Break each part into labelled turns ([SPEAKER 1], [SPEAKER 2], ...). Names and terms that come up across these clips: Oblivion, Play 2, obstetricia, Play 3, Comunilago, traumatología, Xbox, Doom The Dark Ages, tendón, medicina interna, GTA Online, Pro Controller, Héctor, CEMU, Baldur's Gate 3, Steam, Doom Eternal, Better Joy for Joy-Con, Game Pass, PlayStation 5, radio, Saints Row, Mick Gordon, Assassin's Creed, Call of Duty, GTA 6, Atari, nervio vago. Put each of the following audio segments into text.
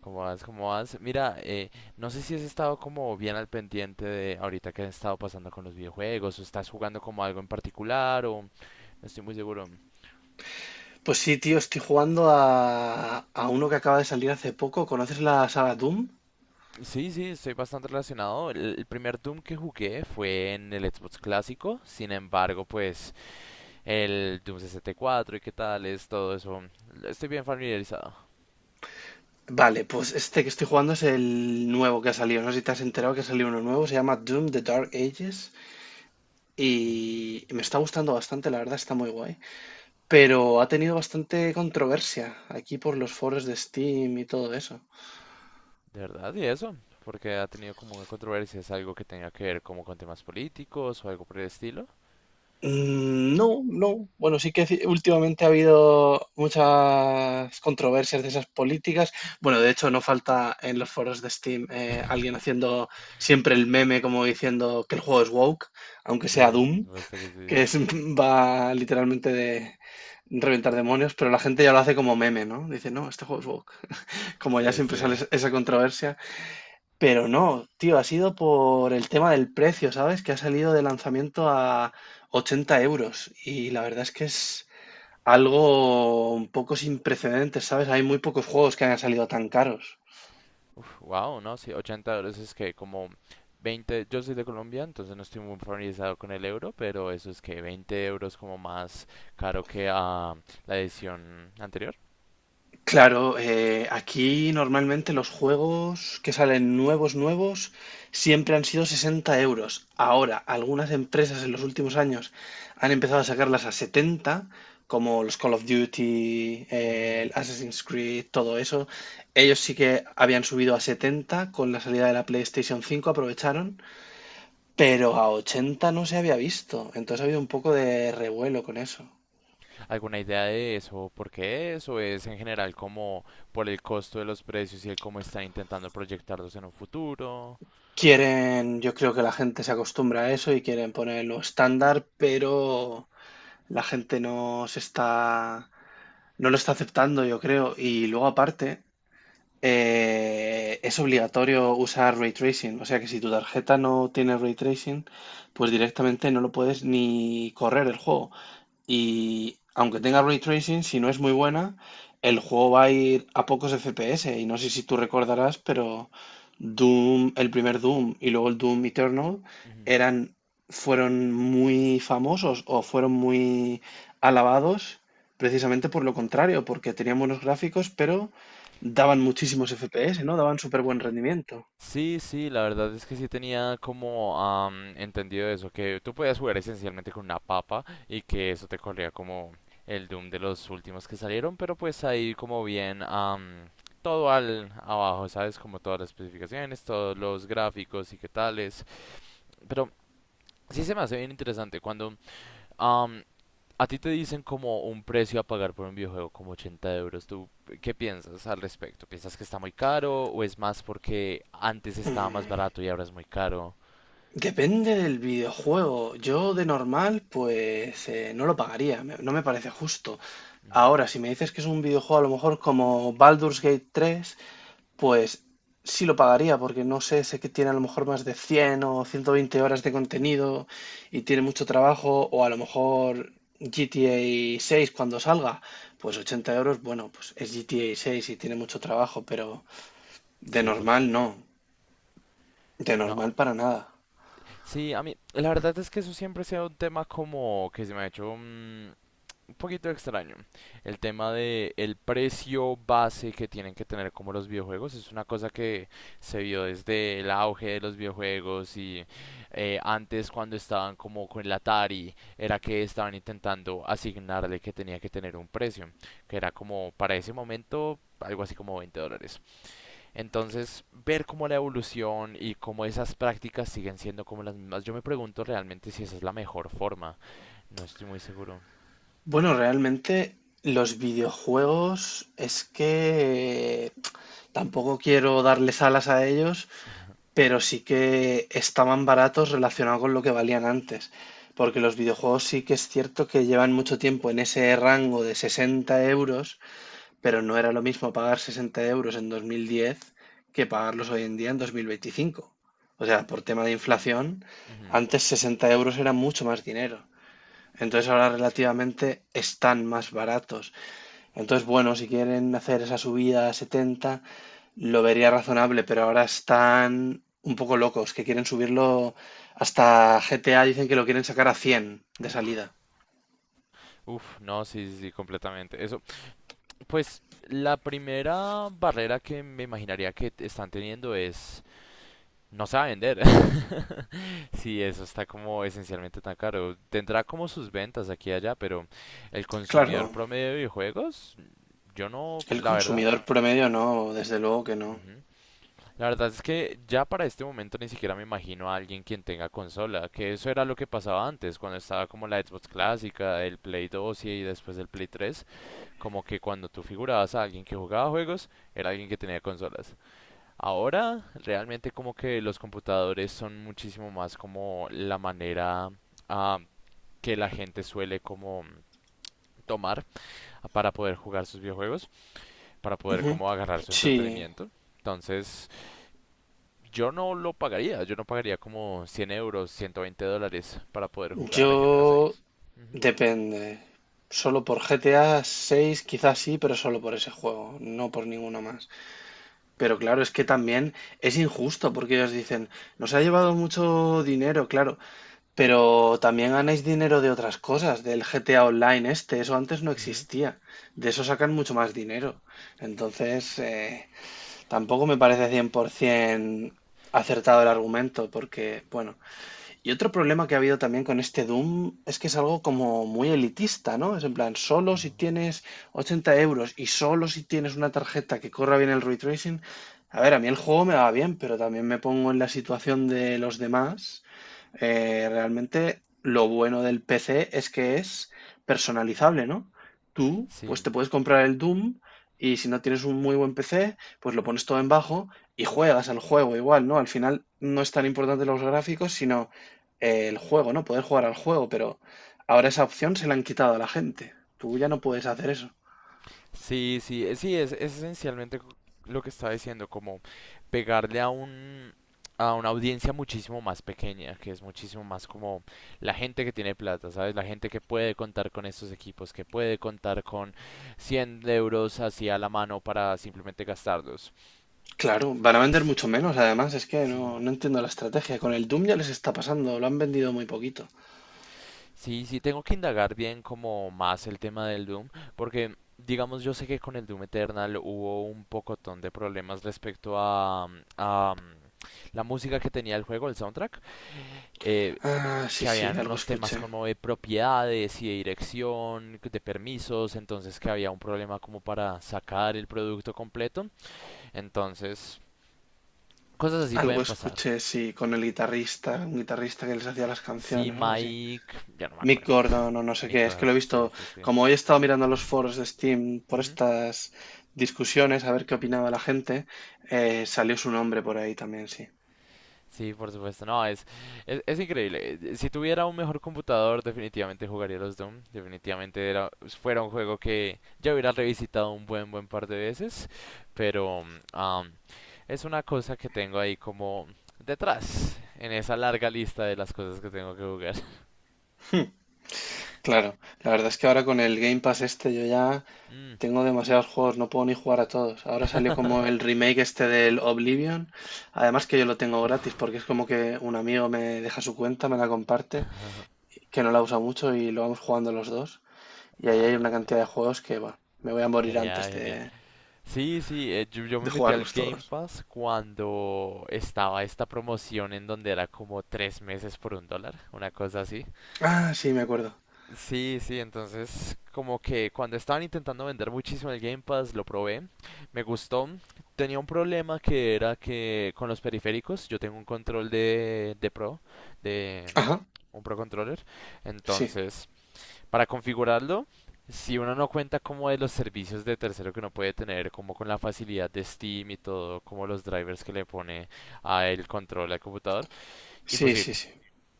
[SPEAKER 1] ¿Cómo vas? ¿Cómo vas? Mira, no sé si has estado como bien al pendiente de ahorita que has estado pasando con los videojuegos, o estás jugando como algo en particular, o no estoy muy seguro.
[SPEAKER 2] Pues sí, tío, estoy jugando a uno que acaba de salir hace poco. ¿Conoces la saga Doom?
[SPEAKER 1] Sí, sí, estoy bastante relacionado. El primer Doom que jugué fue en el Xbox clásico, sin embargo, pues el Doom 64 y cuatro y qué tal es todo eso, estoy bien familiarizado.
[SPEAKER 2] Vale, pues este que estoy jugando es el nuevo que ha salido. No sé si te has enterado que ha salido uno nuevo. Se llama Doom The Dark Ages.
[SPEAKER 1] Mm.
[SPEAKER 2] Y me está gustando bastante, la verdad está muy guay. Pero ha tenido bastante controversia aquí por los foros de Steam y todo eso.
[SPEAKER 1] ¿De verdad? Y eso, porque ha tenido como una controversia? ¿Es algo que tenga que ver como con temas políticos o algo por el estilo?
[SPEAKER 2] Mm, no, no. Bueno, sí que últimamente ha habido muchas controversias de esas políticas. Bueno, de hecho, no falta en los foros de Steam alguien haciendo siempre el meme como diciendo que el juego es woke, aunque sea
[SPEAKER 1] Sí, por
[SPEAKER 2] Doom,
[SPEAKER 1] supuesto que sí.
[SPEAKER 2] que es, va literalmente de reventar demonios, pero la gente ya lo hace como meme, ¿no? Dice, no, este juego es woke. Como ya
[SPEAKER 1] Sí,
[SPEAKER 2] siempre sale
[SPEAKER 1] sí.
[SPEAKER 2] esa controversia, pero no, tío, ha sido por el tema del precio, ¿sabes? Que ha salido de lanzamiento a 80 euros. Y la verdad es que es algo un poco sin precedentes, ¿sabes? Hay muy pocos juegos que hayan salido tan caros.
[SPEAKER 1] Wow, no, sí, $80 es que como 20. Yo soy de Colombia, entonces no estoy muy familiarizado con el euro, pero eso es que 20 euros como más caro que la edición anterior.
[SPEAKER 2] Claro, aquí normalmente los juegos que salen nuevos, nuevos, siempre han sido 60 euros. Ahora, algunas empresas en los últimos años han empezado a sacarlas a 70, como los Call of Duty,
[SPEAKER 1] Mm,
[SPEAKER 2] el Assassin's Creed, todo eso. Ellos sí que habían subido a 70 con la salida de la PlayStation 5, aprovecharon, pero a 80 no se había visto. Entonces ha habido un poco de revuelo con eso.
[SPEAKER 1] ¿alguna idea de eso? ¿Por qué eso es en general como por el costo de los precios y el cómo están intentando proyectarlos en un futuro?
[SPEAKER 2] Quieren, yo creo que la gente se acostumbra a eso y quieren ponerlo estándar, pero la gente no se está, no lo está aceptando, yo creo. Y luego aparte, es obligatorio usar ray tracing, o sea que si tu tarjeta no tiene ray tracing, pues directamente no lo puedes ni correr el juego. Y aunque tenga ray tracing, si no es muy buena, el juego va a ir a pocos FPS. Y no sé si tú recordarás, pero Doom, el primer Doom y luego el Doom Eternal
[SPEAKER 1] Ujú.
[SPEAKER 2] eran, fueron muy famosos o fueron muy alabados precisamente por lo contrario, porque tenían buenos gráficos, pero daban muchísimos FPS, ¿no? Daban súper buen rendimiento.
[SPEAKER 1] Sí, sí, la verdad es que sí tenía como entendido eso, que tú podías jugar esencialmente con una papa y que eso te corría como el Doom de los últimos que salieron, pero pues ahí como bien todo al abajo, ¿sabes? Como todas las especificaciones, todos los gráficos y qué tales. Pero sí se me hace bien interesante cuando am, a ti te dicen como un precio a pagar por un videojuego como 80 euros. ¿Tú qué piensas al respecto? ¿Piensas que está muy caro o es más porque antes estaba más
[SPEAKER 2] Mm.
[SPEAKER 1] barato y ahora es muy caro?
[SPEAKER 2] Depende del videojuego. Yo de normal, pues no lo pagaría, no me parece justo.
[SPEAKER 1] Ujú.
[SPEAKER 2] Ahora, si me dices que es un videojuego a lo mejor como Baldur's Gate tres, pues sí lo pagaría, porque no sé, sé que tiene a lo mejor más de 100 o 120 horas de contenido y tiene mucho trabajo, o a lo mejor GTA 6 cuando salga, pues 80 euros, bueno, pues es GTA 6 y tiene mucho trabajo, pero de
[SPEAKER 1] Sí, por
[SPEAKER 2] normal no,
[SPEAKER 1] supuesto.
[SPEAKER 2] de
[SPEAKER 1] No,
[SPEAKER 2] normal para nada.
[SPEAKER 1] sí, a mí, la verdad es que eso siempre ha sido un tema como que se me ha hecho, poquito extraño. El tema de el precio base que tienen que tener como los videojuegos es una cosa que se vio desde el auge de los videojuegos y antes cuando estaban como con el Atari era que estaban intentando asignarle que tenía que tener un precio, que era como para ese momento algo así como $20. Entonces, ver cómo la evolución y cómo esas prácticas siguen siendo como las mismas, yo me pregunto realmente si esa es la mejor forma. No estoy muy seguro.
[SPEAKER 2] Bueno, realmente los videojuegos es que tampoco quiero darles alas a ellos, pero sí que estaban baratos relacionado con lo que valían antes. Porque los videojuegos sí que es cierto que llevan mucho tiempo en ese rango de 60 euros, pero no era lo mismo pagar 60 euros en 2010 que pagarlos hoy en día en 2025. O sea, por tema de inflación,
[SPEAKER 1] Ujú. Uf,
[SPEAKER 2] antes 60 euros era mucho más dinero. Entonces ahora relativamente están más baratos. Entonces, bueno, si quieren hacer esa subida a 70, lo vería razonable, pero ahora están un poco locos, que quieren subirlo hasta GTA, dicen que lo quieren sacar a 100 de salida.
[SPEAKER 1] uf, no, sí, sí, sí, completamente. Eso, pues la primera barrera que me imaginaría que están teniendo es no sabe vender. Sí, eso está como esencialmente tan caro. Tendrá como sus ventas aquí y allá, pero el consumidor
[SPEAKER 2] Claro,
[SPEAKER 1] promedio de videojuegos, yo no,
[SPEAKER 2] el
[SPEAKER 1] la verdad.
[SPEAKER 2] consumidor promedio no, desde luego que no.
[SPEAKER 1] Ujú. La verdad es que ya para este momento ni siquiera me imagino a alguien quien tenga consola, que eso era lo que pasaba antes, cuando estaba como la Xbox clásica, el Play 2 y después el Play 3. Como que cuando tú figurabas a alguien que jugaba juegos, era alguien que tenía consolas. Ahora, realmente como que los computadores son muchísimo más como la manera ah, que la gente suele como tomar para poder jugar sus videojuegos, para poder
[SPEAKER 2] Ujú.
[SPEAKER 1] como agarrar su
[SPEAKER 2] Sí,
[SPEAKER 1] entretenimiento. Entonces, yo no lo pagaría, yo no pagaría como 100 euros, $120 para poder jugar GTA
[SPEAKER 2] yo
[SPEAKER 1] 6. Ujú,
[SPEAKER 2] depende. Solo por GTA 6 quizás sí, pero solo por ese juego, no por ninguno más. Pero claro, es que también es injusto porque ellos dicen, nos ha llevado mucho dinero, claro, pero también ganáis dinero de otras cosas, del GTA Online este, eso antes no
[SPEAKER 1] ujú.
[SPEAKER 2] existía, de eso sacan mucho más dinero. Entonces, tampoco me parece 100% acertado el argumento porque, bueno, y otro problema que ha habido también con este Doom es que es algo como muy elitista, ¿no? Es en plan, solo si tienes 80 euros y solo si tienes una tarjeta que corra bien el ray tracing. A ver, a mí el juego me va bien, pero también me pongo en la situación de los demás. Realmente lo bueno del PC es que es personalizable, ¿no? Tú,
[SPEAKER 1] Sí,
[SPEAKER 2] pues te puedes comprar el Doom y si no tienes un muy buen PC, pues lo pones todo en bajo y juegas al juego igual, ¿no? Al final no es tan importante los gráficos, sino el juego, ¿no? Poder jugar al juego, pero ahora esa opción se la han quitado a la gente. Tú ya no puedes hacer eso.
[SPEAKER 1] sí, sí, sí, es esencialmente lo que estaba diciendo, como pegarle a un a una audiencia muchísimo más pequeña, que es muchísimo más como la gente que tiene plata, ¿sabes? La gente que puede contar con estos equipos, que puede contar con 100 euros así a la mano para simplemente gastarlos.
[SPEAKER 2] Claro, van a vender
[SPEAKER 1] Es-
[SPEAKER 2] mucho menos, además, es que
[SPEAKER 1] Sí,
[SPEAKER 2] no, no entiendo la estrategia. Con el Doom ya les está pasando, lo han vendido muy poquito.
[SPEAKER 1] sí, sí, tengo que indagar bien como más el tema del Doom, porque digamos yo sé que con el Doom Eternal hubo un pocotón de problemas respecto a la música que tenía el juego, el soundtrack, eh,
[SPEAKER 2] Ah, sí,
[SPEAKER 1] que
[SPEAKER 2] sí,
[SPEAKER 1] habían
[SPEAKER 2] algo
[SPEAKER 1] unos temas
[SPEAKER 2] escuché.
[SPEAKER 1] como de propiedades y de dirección, de permisos, entonces que había un problema como para sacar el producto completo, entonces cosas así
[SPEAKER 2] Algo
[SPEAKER 1] pueden pasar.
[SPEAKER 2] escuché, sí, con el guitarrista, un guitarrista que les hacía las
[SPEAKER 1] Sí,
[SPEAKER 2] canciones o algo así.
[SPEAKER 1] Mike, ya no me
[SPEAKER 2] Mick
[SPEAKER 1] acuerdo.
[SPEAKER 2] Gordon o no sé qué, es que
[SPEAKER 1] Nicard,
[SPEAKER 2] lo he
[SPEAKER 1] sí,
[SPEAKER 2] visto,
[SPEAKER 1] sí, sí.
[SPEAKER 2] como hoy he estado mirando los foros de Steam por
[SPEAKER 1] Ujú.
[SPEAKER 2] estas discusiones, a ver qué opinaba la gente, salió su nombre por ahí también, sí.
[SPEAKER 1] Sí, por supuesto. No, es increíble. Si tuviera un mejor computador, definitivamente jugaría los Doom. Definitivamente era, fuera un juego que ya hubiera revisitado un buen, buen par de veces. Pero am, es una cosa que tengo ahí como detrás, en esa larga lista de las cosas que tengo que jugar.
[SPEAKER 2] Hmm, claro, la verdad es que ahora con el Game Pass este yo ya
[SPEAKER 1] Mm.
[SPEAKER 2] tengo demasiados juegos, no puedo ni jugar a todos. Ahora salió como el remake este del Oblivion, además que yo lo tengo gratis
[SPEAKER 1] Uf.
[SPEAKER 2] porque es como que un amigo me deja su cuenta, me la comparte que no la usa mucho y lo vamos jugando los dos. Y ahí
[SPEAKER 1] Ah,
[SPEAKER 2] hay
[SPEAKER 1] no,
[SPEAKER 2] una
[SPEAKER 1] genial.
[SPEAKER 2] cantidad de juegos que, bueno, me voy a morir
[SPEAKER 1] Genial,
[SPEAKER 2] antes
[SPEAKER 1] genial. Sí, sí, yo me
[SPEAKER 2] de
[SPEAKER 1] metí al
[SPEAKER 2] jugarlos
[SPEAKER 1] Game
[SPEAKER 2] todos.
[SPEAKER 1] Pass cuando estaba esta promoción en donde era como 3 meses por un dólar, una cosa así.
[SPEAKER 2] Ah, sí, me acuerdo.
[SPEAKER 1] Sí, sí, entonces como que cuando estaban intentando vender muchísimo el Game Pass lo probé, me gustó. Tenía un problema que era que con los periféricos, yo tengo un control de Pro, de
[SPEAKER 2] Ajá,
[SPEAKER 1] un Pro Controller,
[SPEAKER 2] sí,
[SPEAKER 1] entonces... Para configurarlo, si uno no cuenta como de los servicios de tercero que uno puede tener, como con la facilidad de Steam y todo, como los drivers que le pone a el control al computador,
[SPEAKER 2] sí,
[SPEAKER 1] imposible,
[SPEAKER 2] sí, sí.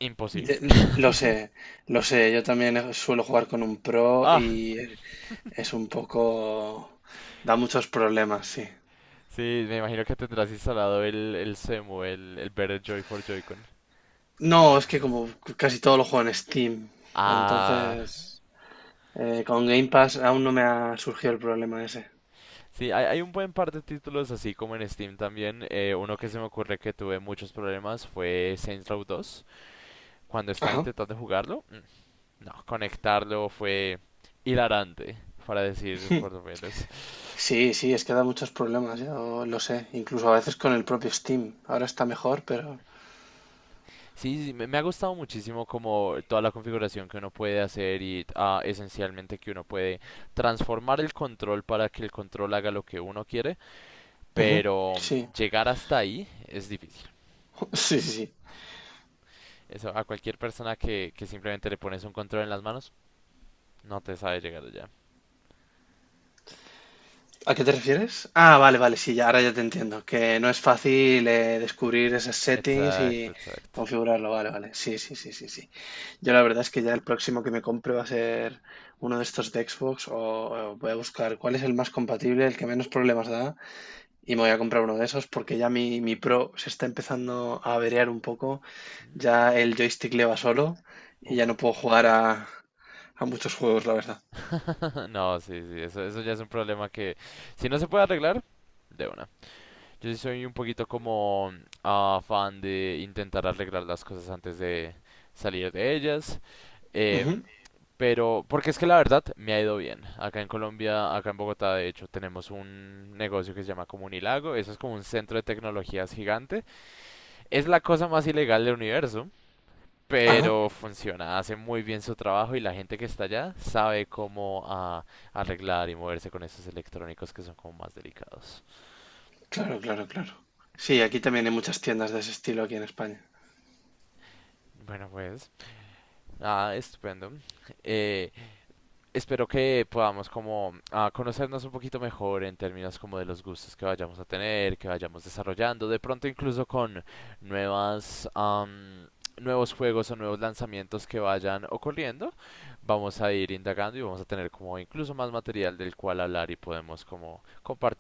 [SPEAKER 1] imposible.
[SPEAKER 2] De- lo sé, lo sé. Yo también suelo jugar con un pro
[SPEAKER 1] Ah,
[SPEAKER 2] y es un poco... da muchos problemas, sí.
[SPEAKER 1] sí, me imagino que tendrás instalado el CEMU, el Better Joy for Joy-Con,
[SPEAKER 2] No,
[SPEAKER 1] se
[SPEAKER 2] es
[SPEAKER 1] llama
[SPEAKER 2] que
[SPEAKER 1] eso.
[SPEAKER 2] como casi todo lo juego en Steam,
[SPEAKER 1] Ah,
[SPEAKER 2] entonces con Game Pass aún no me ha surgido el problema ese.
[SPEAKER 1] sí, hay un buen par de títulos así como en Steam también. Uno que se me ocurre que tuve muchos problemas fue Saints Row 2. Cuando estaba
[SPEAKER 2] Ajá.
[SPEAKER 1] intentando jugarlo, no, conectarlo fue hilarante, para decir por lo menos.
[SPEAKER 2] Sí, sí, es que da muchos problemas, yo lo sé, incluso a veces con el propio Steam. Ahora está mejor, pero...
[SPEAKER 1] Sí, sí, sí, me ha gustado muchísimo como toda la configuración que uno puede hacer y esencialmente que uno puede transformar el control para que el control haga lo que uno quiere,
[SPEAKER 2] Ujú,
[SPEAKER 1] pero
[SPEAKER 2] sí,
[SPEAKER 1] llegar hasta ahí es difícil.
[SPEAKER 2] sí, sí, sí.
[SPEAKER 1] Eso a cualquier persona que simplemente le pones un control en las manos, no te sabe llegar allá.
[SPEAKER 2] ¿A qué te refieres? Ah, vale, vale, sí, ya, ahora ya te entiendo, que no es fácil descubrir esos settings
[SPEAKER 1] Exacto,
[SPEAKER 2] y
[SPEAKER 1] exacto.
[SPEAKER 2] configurarlo, vale, vale, sí, sí, sí, sí, sí. Yo la verdad es que ya el próximo que me compre va a ser uno de estos de Xbox o voy a buscar cuál es el más compatible, el que menos problemas da. Y me voy a comprar uno de esos porque ya mi Pro se está empezando a averiar un poco.
[SPEAKER 1] Mm.
[SPEAKER 2] Ya el joystick le va solo y ya no
[SPEAKER 1] Uf.
[SPEAKER 2] puedo jugar a muchos juegos, la verdad.
[SPEAKER 1] No, sí, sí, eso ya es un problema que si no se puede arreglar, de una. Yo sí soy un poquito como fan de intentar arreglar las cosas antes de salir de ellas. em,
[SPEAKER 2] Ujú.
[SPEAKER 1] pero, porque es que la verdad me ha ido bien. Acá en Colombia, acá en Bogotá, de hecho, tenemos un negocio que se llama Comunilago. Eso es como un centro de tecnologías gigante. Es la cosa más ilegal del universo,
[SPEAKER 2] Ah,
[SPEAKER 1] pero funciona, hace muy bien su trabajo y la gente que está allá sabe cómo arreglar y moverse con esos electrónicos que son como más delicados.
[SPEAKER 2] claro, claro, claro. Sí, aquí también hay muchas tiendas de ese estilo aquí en España.
[SPEAKER 1] Bueno, pues, ah, estupendo. Eh, espero que podamos como conocernos un poquito mejor en términos como de los gustos que vayamos a tener, que vayamos desarrollando, de pronto incluso con nuevas am, nuevos juegos o nuevos lanzamientos que vayan ocurriendo, vamos a ir indagando y vamos a tener como incluso más material del cual hablar y podemos como compartir